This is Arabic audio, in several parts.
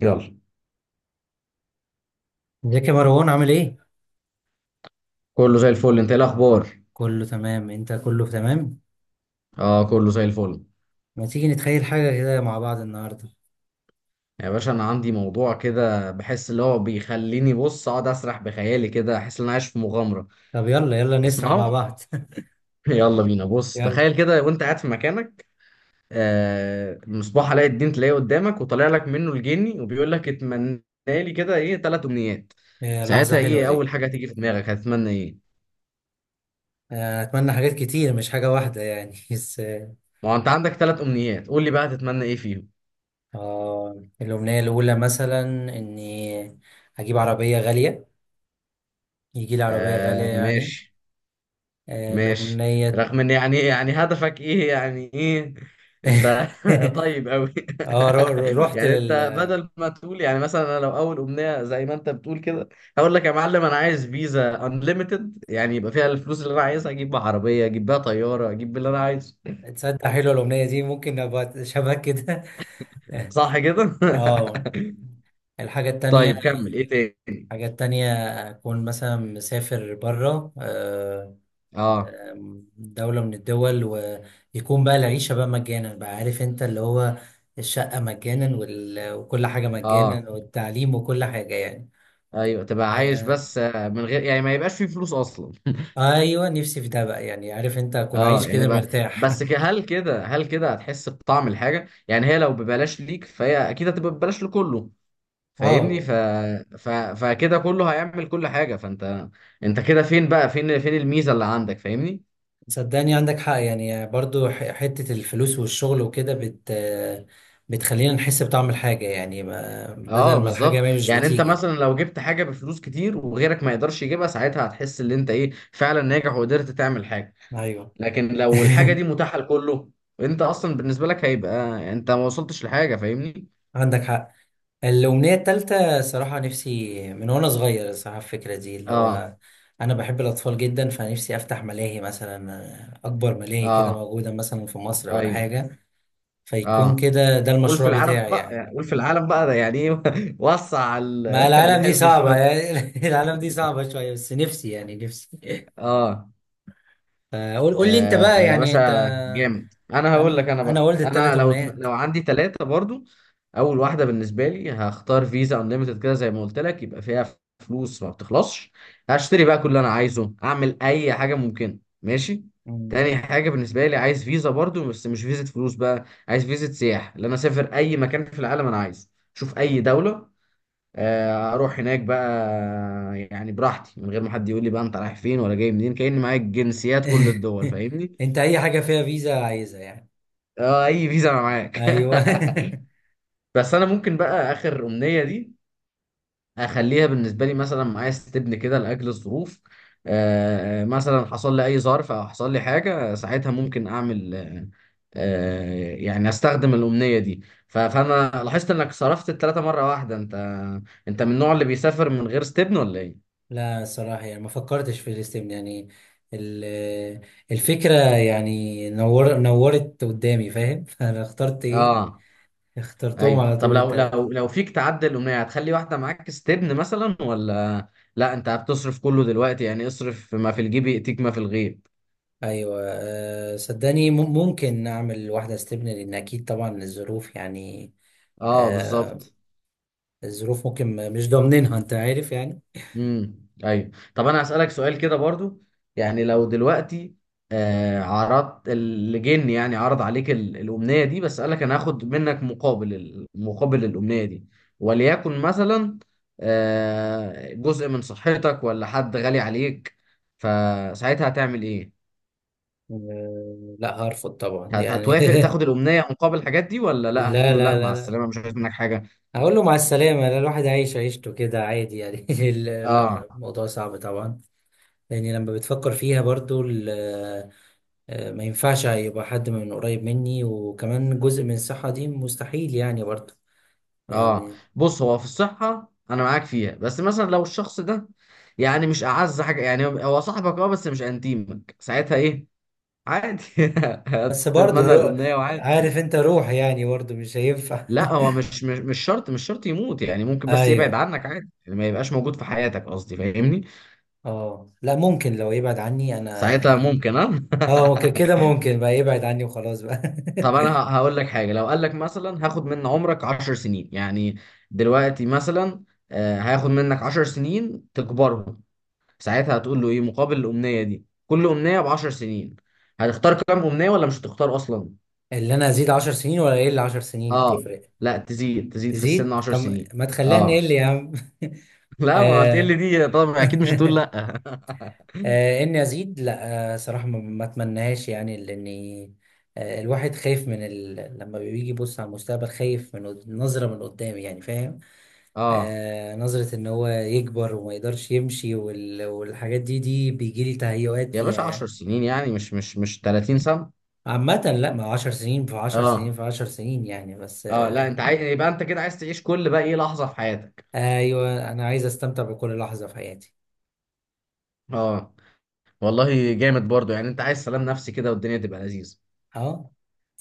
يلا. ازيك يا مروان عامل ايه؟ كله زي الفل، انت ايه الاخبار؟ كله تمام، انت كله تمام؟ اه كله زي الفل. ما تيجي نتخيل حاجة كده مع بعض النهاردة. يا باشا، انا عندي موضوع كده بحس اللي هو بيخليني بص اقعد اسرح بخيالي كده، احس ان انا عايش في مغامره. طب يلا نسرح مع تسمعه؟ بعض. يلا بينا، بص يلا. تخيل كده وانت قاعد في مكانك. مصباح علاء الدين تلاقيه قدامك وطالع لك منه الجني وبيقول لك اتمنى لي كده ايه، ثلاث امنيات. آه، لحظة ساعتها حلوة ايه اول دي. حاجه هتيجي في دماغك، هتتمنى ايه؟ آه، اتمنى حاجات كتير مش حاجة واحدة يعني. بس ما هو انت عندك ثلاث امنيات، قول لي بقى هتتمنى ايه فيهم؟ آه، الأمنية الأولى مثلا اني اجيب عربية غالية، يجي لي عربية غالية يعني. ماشي. آه، ماشي. الأمنية. رغم ان يعني هدفك ايه، يعني ايه؟ انت طيب قوي. رحت يعني لل. انت بدل ما تقول يعني مثلا، انا لو اول امنيه زي ما انت بتقول كده، هقول لك يا معلم انا عايز فيزا انليميتد، يعني يبقى فيها الفلوس اللي انا عايزها، اجيب بيها عربيه، اجيب بيها طياره، اجيب باللي انا عايزه. تصدق حلوة الأمنية دي، ممكن ابقى شبه كده. صح كده. اه. الحاجة التانية، طيب، كمل ايه تاني؟ حاجات تانية، أكون مثلا مسافر برا، اه. دولة من الدول، ويكون بقى العيشة بقى مجانا بقى، عارف أنت اللي هو الشقة مجانا وكل حاجة اه. مجانا والتعليم وكل حاجة يعني. ايوه، تبقى عايش آه، بس من غير يعني ما يبقاش فيه فلوس اصلا. أيوة، نفسي في ده بقى يعني، عارف أنت، أكون عايش اه يعني كده بقى. مرتاح. بس هل كده هتحس بطعم الحاجه، يعني هي لو ببلاش ليك فهي اكيد هتبقى ببلاش لكله. فاهمني. أه فكده كله هيعمل كل حاجه، فانت، انت كده فين بقى، فين الميزه اللي عندك؟ فاهمني. صدقني عندك حق يعني، برضو حتة الفلوس والشغل وكده بتخلينا نحس بطعم الحاجة يعني، بدل اه ما الحاجة بالظبط، ما مش يعني انت بتيجي. مثلا لو جبت حاجه بفلوس كتير وغيرك ما يقدرش يجيبها، ساعتها هتحس ان انت ايه، فعلا ناجح وقدرت تعمل حاجه. أيوة. لكن لو الحاجه دي متاحه لكله، انت اصلا بالنسبه لك هيبقى، انت ما وصلتش لحاجه. فاهمني. عندك حق. الأمنية التالتة، صراحة نفسي من وأنا صغير، صراحة الفكرة دي اللي اه. هو أنا بحب الأطفال جدا، فنفسي أفتح ملاهي مثلا، أكبر ملاهي كده اه. موجودة مثلا في مصر ولا ايوه. حاجة، فيكون اه. كده ده قول في المشروع العالم بتاعي بقى، يعني. يعني قول في العالم بقى ده يعني ايه. وسع ما العالم دي الحلم صعبة شويه. يعني. العالم دي صعبة شوية، بس نفسي يعني، نفسي. اه. فقول، قول لي أنت بقى، يا يعني أنت. باشا جامد، انا هقول أنا لك انا أنا بقى، ولد انا التلات لو أمنيات. عندي ثلاثه برضو، اول واحده بالنسبه لي هختار فيزا انليمتد كده زي ما قلت لك، يبقى فيها فلوس ما بتخلصش. هشتري بقى كل اللي انا عايزه، اعمل اي حاجه ممكنه. ماشي. تاني حاجه بالنسبه لي عايز فيزا برضو، بس مش فيزا فلوس بقى، عايز فيزا سياحه اللي انا اسافر اي مكان في العالم انا عايزه. شوف اي دوله. اروح هناك بقى، يعني براحتي، من غير ما حد يقول لي بقى انت رايح فين ولا جاي منين، كأني معايا جنسيات كل الدول. فاهمني. أنت أي حاجة فيها فيزا عايزها يعني. اه، اي فيزا انا معاك. أيوه. بس انا ممكن بقى اخر امنية دي اخليها بالنسبة لي مثلا، معايا استبن كده لاجل الظروف. مثلا حصل لي اي ظرف او حصل لي حاجة، ساعتها ممكن اعمل يعني استخدم الامنية دي. فانا لاحظت انك صرفت الثلاثة مرة واحدة، انت، انت من النوع اللي بيسافر من غير استبن ولا ايه؟ لا الصراحة يعني ما فكرتش في الاستبن يعني. ال- الفكرة يعني، نور، نورت قدامي، فاهم؟ فأنا اخترت إيه، اه. اخترتهم ايوه. على طب طول لو التلاتة. فيك تعدل الاغنيه هتخلي واحده معاك استبن مثلا، ولا لا انت هتصرف كله دلوقتي، يعني اصرف ما في الجيب ياتيك ما في الغيب. أيوة. أه صدقني ممكن أعمل واحدة استبن، لأن أكيد طبعا الظروف يعني. اه أه. بالظبط. الظروف ممكن مش ضامنينها، أنت عارف يعني. ايوه، طب انا هسالك سؤال كده برضو. يعني لو دلوقتي عرضت اللي جن يعني عرض عليك الامنيه دي، بس قالك انا هاخد منك مقابل مقابل الامنيه دي، وليكن مثلا جزء من صحتك، ولا حد غالي عليك، فساعتها هتعمل ايه؟ أه لا، هرفض طبعا يعني. هتوافق تاخد الأمنية مقابل الحاجات دي، ولا لا هتقول لا له لا لا لا مع لا، السلامة مش عايز منك حاجة؟ هقول له مع السلامة، لا الواحد عايش عيشته كده عادي يعني. اه. لا الموضوع صعب طبعا، لأني لما بتفكر فيها برضو آه، ما ينفعش يبقى حد من قريب مني، وكمان جزء من الصحة دي مستحيل يعني برضو اه. يعني. بص هو في الصحة أنا معاك فيها، بس مثلا لو الشخص ده يعني مش أعز حاجة، يعني هو هو صاحبك اه، بس مش أنتيمك، ساعتها إيه، عادي. بس برضو هتتمنى رو... الأمنية وعادي. عارف انت، روح يعني برضو مش هينفع. لا هو مش شرط، يموت يعني، ممكن بس يبعد ايوه. عنك، عادي يعني ما يبقاش موجود في حياتك، قصدي فاهمني. اه لا، ممكن لو يبعد عني انا. ساعتها ممكن اه. اه ممكن كده، ممكن بقى يبعد عني وخلاص بقى. طب انا هقول لك حاجه، لو قال لك مثلا هاخد من عمرك 10 سنين يعني، دلوقتي مثلا، هاخد منك 10 سنين تكبرهم، ساعتها هتقول له ايه مقابل الامنيه دي، كل امنيه ب 10 سنين، هتختار كام امنيه ولا مش هتختار اصلا؟ اللي انا ازيد عشر سنين، ولا اقل عشر سنين اه تفرق؟ لا، تزيد في السن تزيد 10 طب، سنين. ما تخليها اه. نقل يا عم. لا ما هتقل آه. دي طبعا، اكيد مش هتقول لا. آه، اني ازيد، لا آه، صراحه ما اتمناهاش يعني، لاني آه، الواحد خايف من لما بيجي يبص على المستقبل، خايف من نظره من قدام يعني، فاهم؟ اه آه نظره ان هو يكبر وما يقدرش يمشي والحاجات دي، دي بيجي لي تهيؤات يا فيها باشا، 10 يعني. سنين يعني، مش 30 سنه. عامة لا، ما هو 10 سنين في 10 سنين اه. في 10 سنين يعني، بس اه لا، آه. انت عايز يبقى انت كده عايز تعيش كل بقى ايه لحظه في حياتك. ايوه انا عايز استمتع بكل لحظة في حياتي. اه والله جامد برضو، يعني انت عايز سلام نفسي كده والدنيا تبقى لذيذة. اه،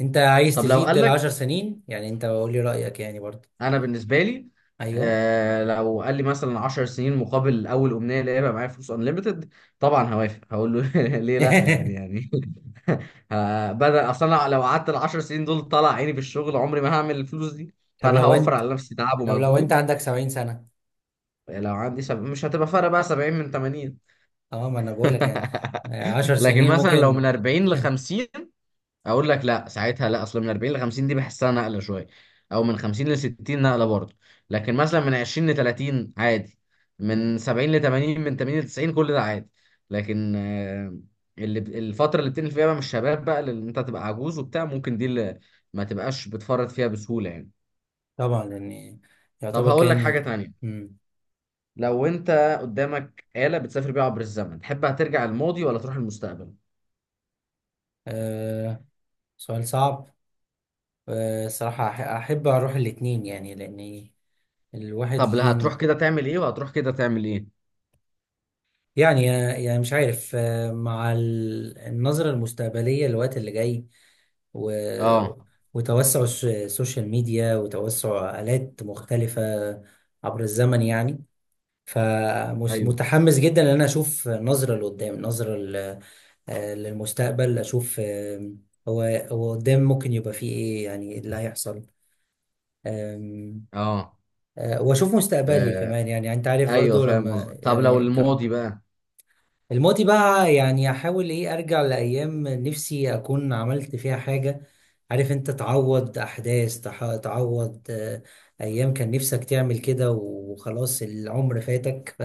انت عايز طب لو تزيد قال ال لك، 10 سنين يعني، انت قول لي رأيك يعني برضه. انا بالنسبة لي، ايوه. لو قال لي مثلا 10 سنين مقابل اول امنية اللي هيبقى معايا فلوس انليمتد، طبعا هوافق، هقول له، ليه لا يعني، بدل اصلا، أنا لو قعدت ال 10 سنين دول طلع عيني في الشغل عمري ما هعمل الفلوس دي، طب فانا لو هوفر انت، على نفسي تعب طب لو انت ومجهود. عندك 70 سنة؟ لو عندي مش هتبقى فرق بقى، 70 من 80. اه ما انا بقول لك يعني، آه، 10 لكن سنين مثلا لو من ممكن. 40 ل 50، اقول لك لا، ساعتها لا، اصل من 40 ل 50 دي بحسها نقله شويه، او من 50 ل 60، نقله برضه. لكن مثلا من 20 ل 30 عادي، من 70 ل 80، من 80 ل 90، كل ده عادي. لكن اللي الفتره اللي بتنقل فيها بقى من الشباب بقى، اللي انت تبقى عجوز وبتاع ممكن، دي اللي ما تبقاش بتفرط فيها بسهوله يعني. طبعا يعني، طب يعتبر هقول لك حاجه كان. تانية، مم. لو انت قدامك آلة بتسافر بيها عبر الزمن، تحب هترجع الماضي ولا تروح المستقبل؟ آه، سؤال صعب. آه صراحة أحب أروح الاتنين يعني، لأن الواحد طب لا، ليه هتروح كده تعمل ايه، وهتروح كده تعمل ايه؟ يعني، يعني مش عارف آه، مع النظرة المستقبلية للوقت اللي جاي و... اه. وتوسع السوشيال ميديا، وتوسع آلات مختلفة عبر الزمن يعني. ايوه. فمتحمس جدا ان انا اشوف نظره لقدام، نظره آه، للمستقبل، اشوف آه، هو هو قدام ممكن يبقى فيه ايه يعني، إيه اللي هيحصل، آم، اه. آه، واشوف مستقبلي آه كمان يعني، انت عارف ايوه برضو فاهم قصدك. لما طب لو يعني الماضي بقى، الماضي بقى يعني احاول ايه، ارجع لايام نفسي اكون عملت فيها حاجه، عارف انت، تعوض احداث، تعوض آه، ايام كان نفسك تعمل كده وخلاص العمر فاتك ف-.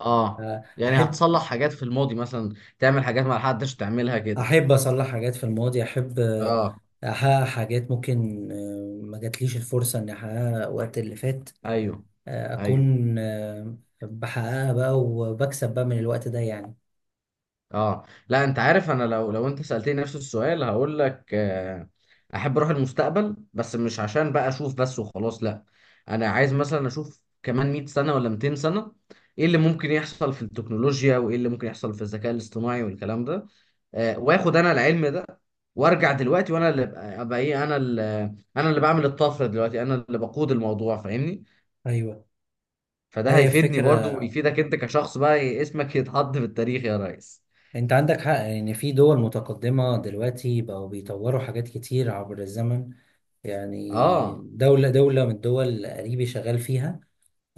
اه، آه، يعني هتصلح حاجات في الماضي مثلا، تعمل حاجات ما حدش تعملها كده؟ احب اصلح حاجات في الماضي، احب آه، اه. احقق حاجات ممكن آه، ما جاتليش الفرصه اني احققها وقت اللي فات، ايوه. آه، ايوه. اكون آه، بحققها بقى، وبكسب بقى من الوقت ده يعني. اه لا، انت عارف انا لو انت سألتني نفس السؤال هقول لك، احب اروح المستقبل، بس مش عشان بقى اشوف بس وخلاص لا، انا عايز مثلا اشوف كمان 100 سنة ولا 200 سنة، ايه اللي ممكن يحصل في التكنولوجيا وايه اللي ممكن يحصل في الذكاء الاصطناعي والكلام ده، واخد انا العلم ده، وارجع دلوقتي وانا اللي أبقى ايه، انا اللي، انا اللي بعمل الطفرة دلوقتي، انا اللي بقود الموضوع. فاهمني. ايوه لا، فده هي هيفيدني برضو فكره، ويفيدك انت كشخص بقى إيه، اسمك يتحط في التاريخ يا ريس. انت عندك حق ان في دول متقدمه دلوقتي بقوا بيطوروا حاجات كتير عبر الزمن يعني. اه. دوله من الدول قريبي شغال فيها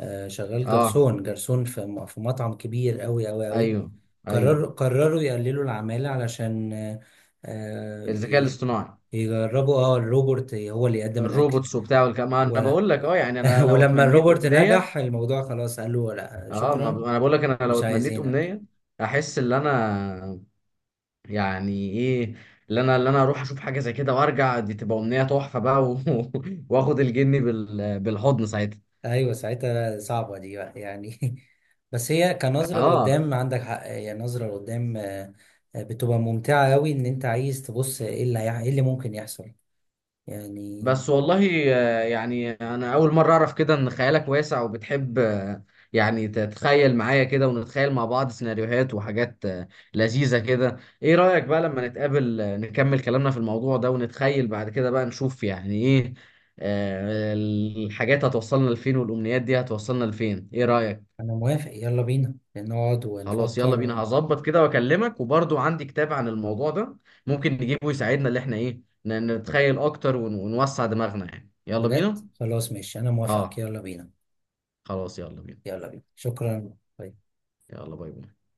آه، شغال اه. جرسون في في مطعم كبير قوي. ايوه. ايوه. قرروا يقللوا العمالة، علشان آه، آه، الذكاء الاصطناعي، يجربوا اه الروبوت هو اللي يقدم الأكل الروبوتس وبتاع والكلام، ما انا و- بقول لك اه يعني، انا لو ولما اتمنيت الروبوت امنيه، نجح الموضوع خلاص، قال له لا اه ما شكرا، انا بقول لك، انا لو مش اتمنيت عايزينك. امنيه، احس ان انا، يعني ايه، اللي انا اروح اشوف حاجه زي كده وارجع، دي تبقى امنيه تحفه بقى واخد الجني بالحضن ساعتها. ايوه ساعتها صعبة دي بقى يعني. بس هي كنظرة اه لقدام، عندك حق، هي نظرة لقدام آه، آه، بتبقى ممتعة قوي، ان انت عايز تبص ايه ايه اللي ممكن يحصل يعني. بس والله، يعني انا اول مره اعرف كده ان خيالك واسع وبتحب يعني تتخيل معايا كده ونتخيل مع بعض سيناريوهات وحاجات لذيذه كده. ايه رايك بقى لما نتقابل نكمل كلامنا في الموضوع ده، ونتخيل بعد كده بقى نشوف يعني ايه، الحاجات هتوصلنا لفين والامنيات دي هتوصلنا لفين، ايه رايك؟ انا موافق، يلا بينا نقعد خلاص يلا ونفكر بينا، هظبط كده واكلمك، وبرضو عندي كتاب عن الموضوع ده ممكن نجيبه يساعدنا، اللي احنا ايه نتخيل اكتر ونوسع دماغنا، يعني يلا بجد بينا. خلاص ماشي، انا موافقك، اه يلا بينا. خلاص، يلا بينا. يلا بينا، شكرا. يلا باي باي.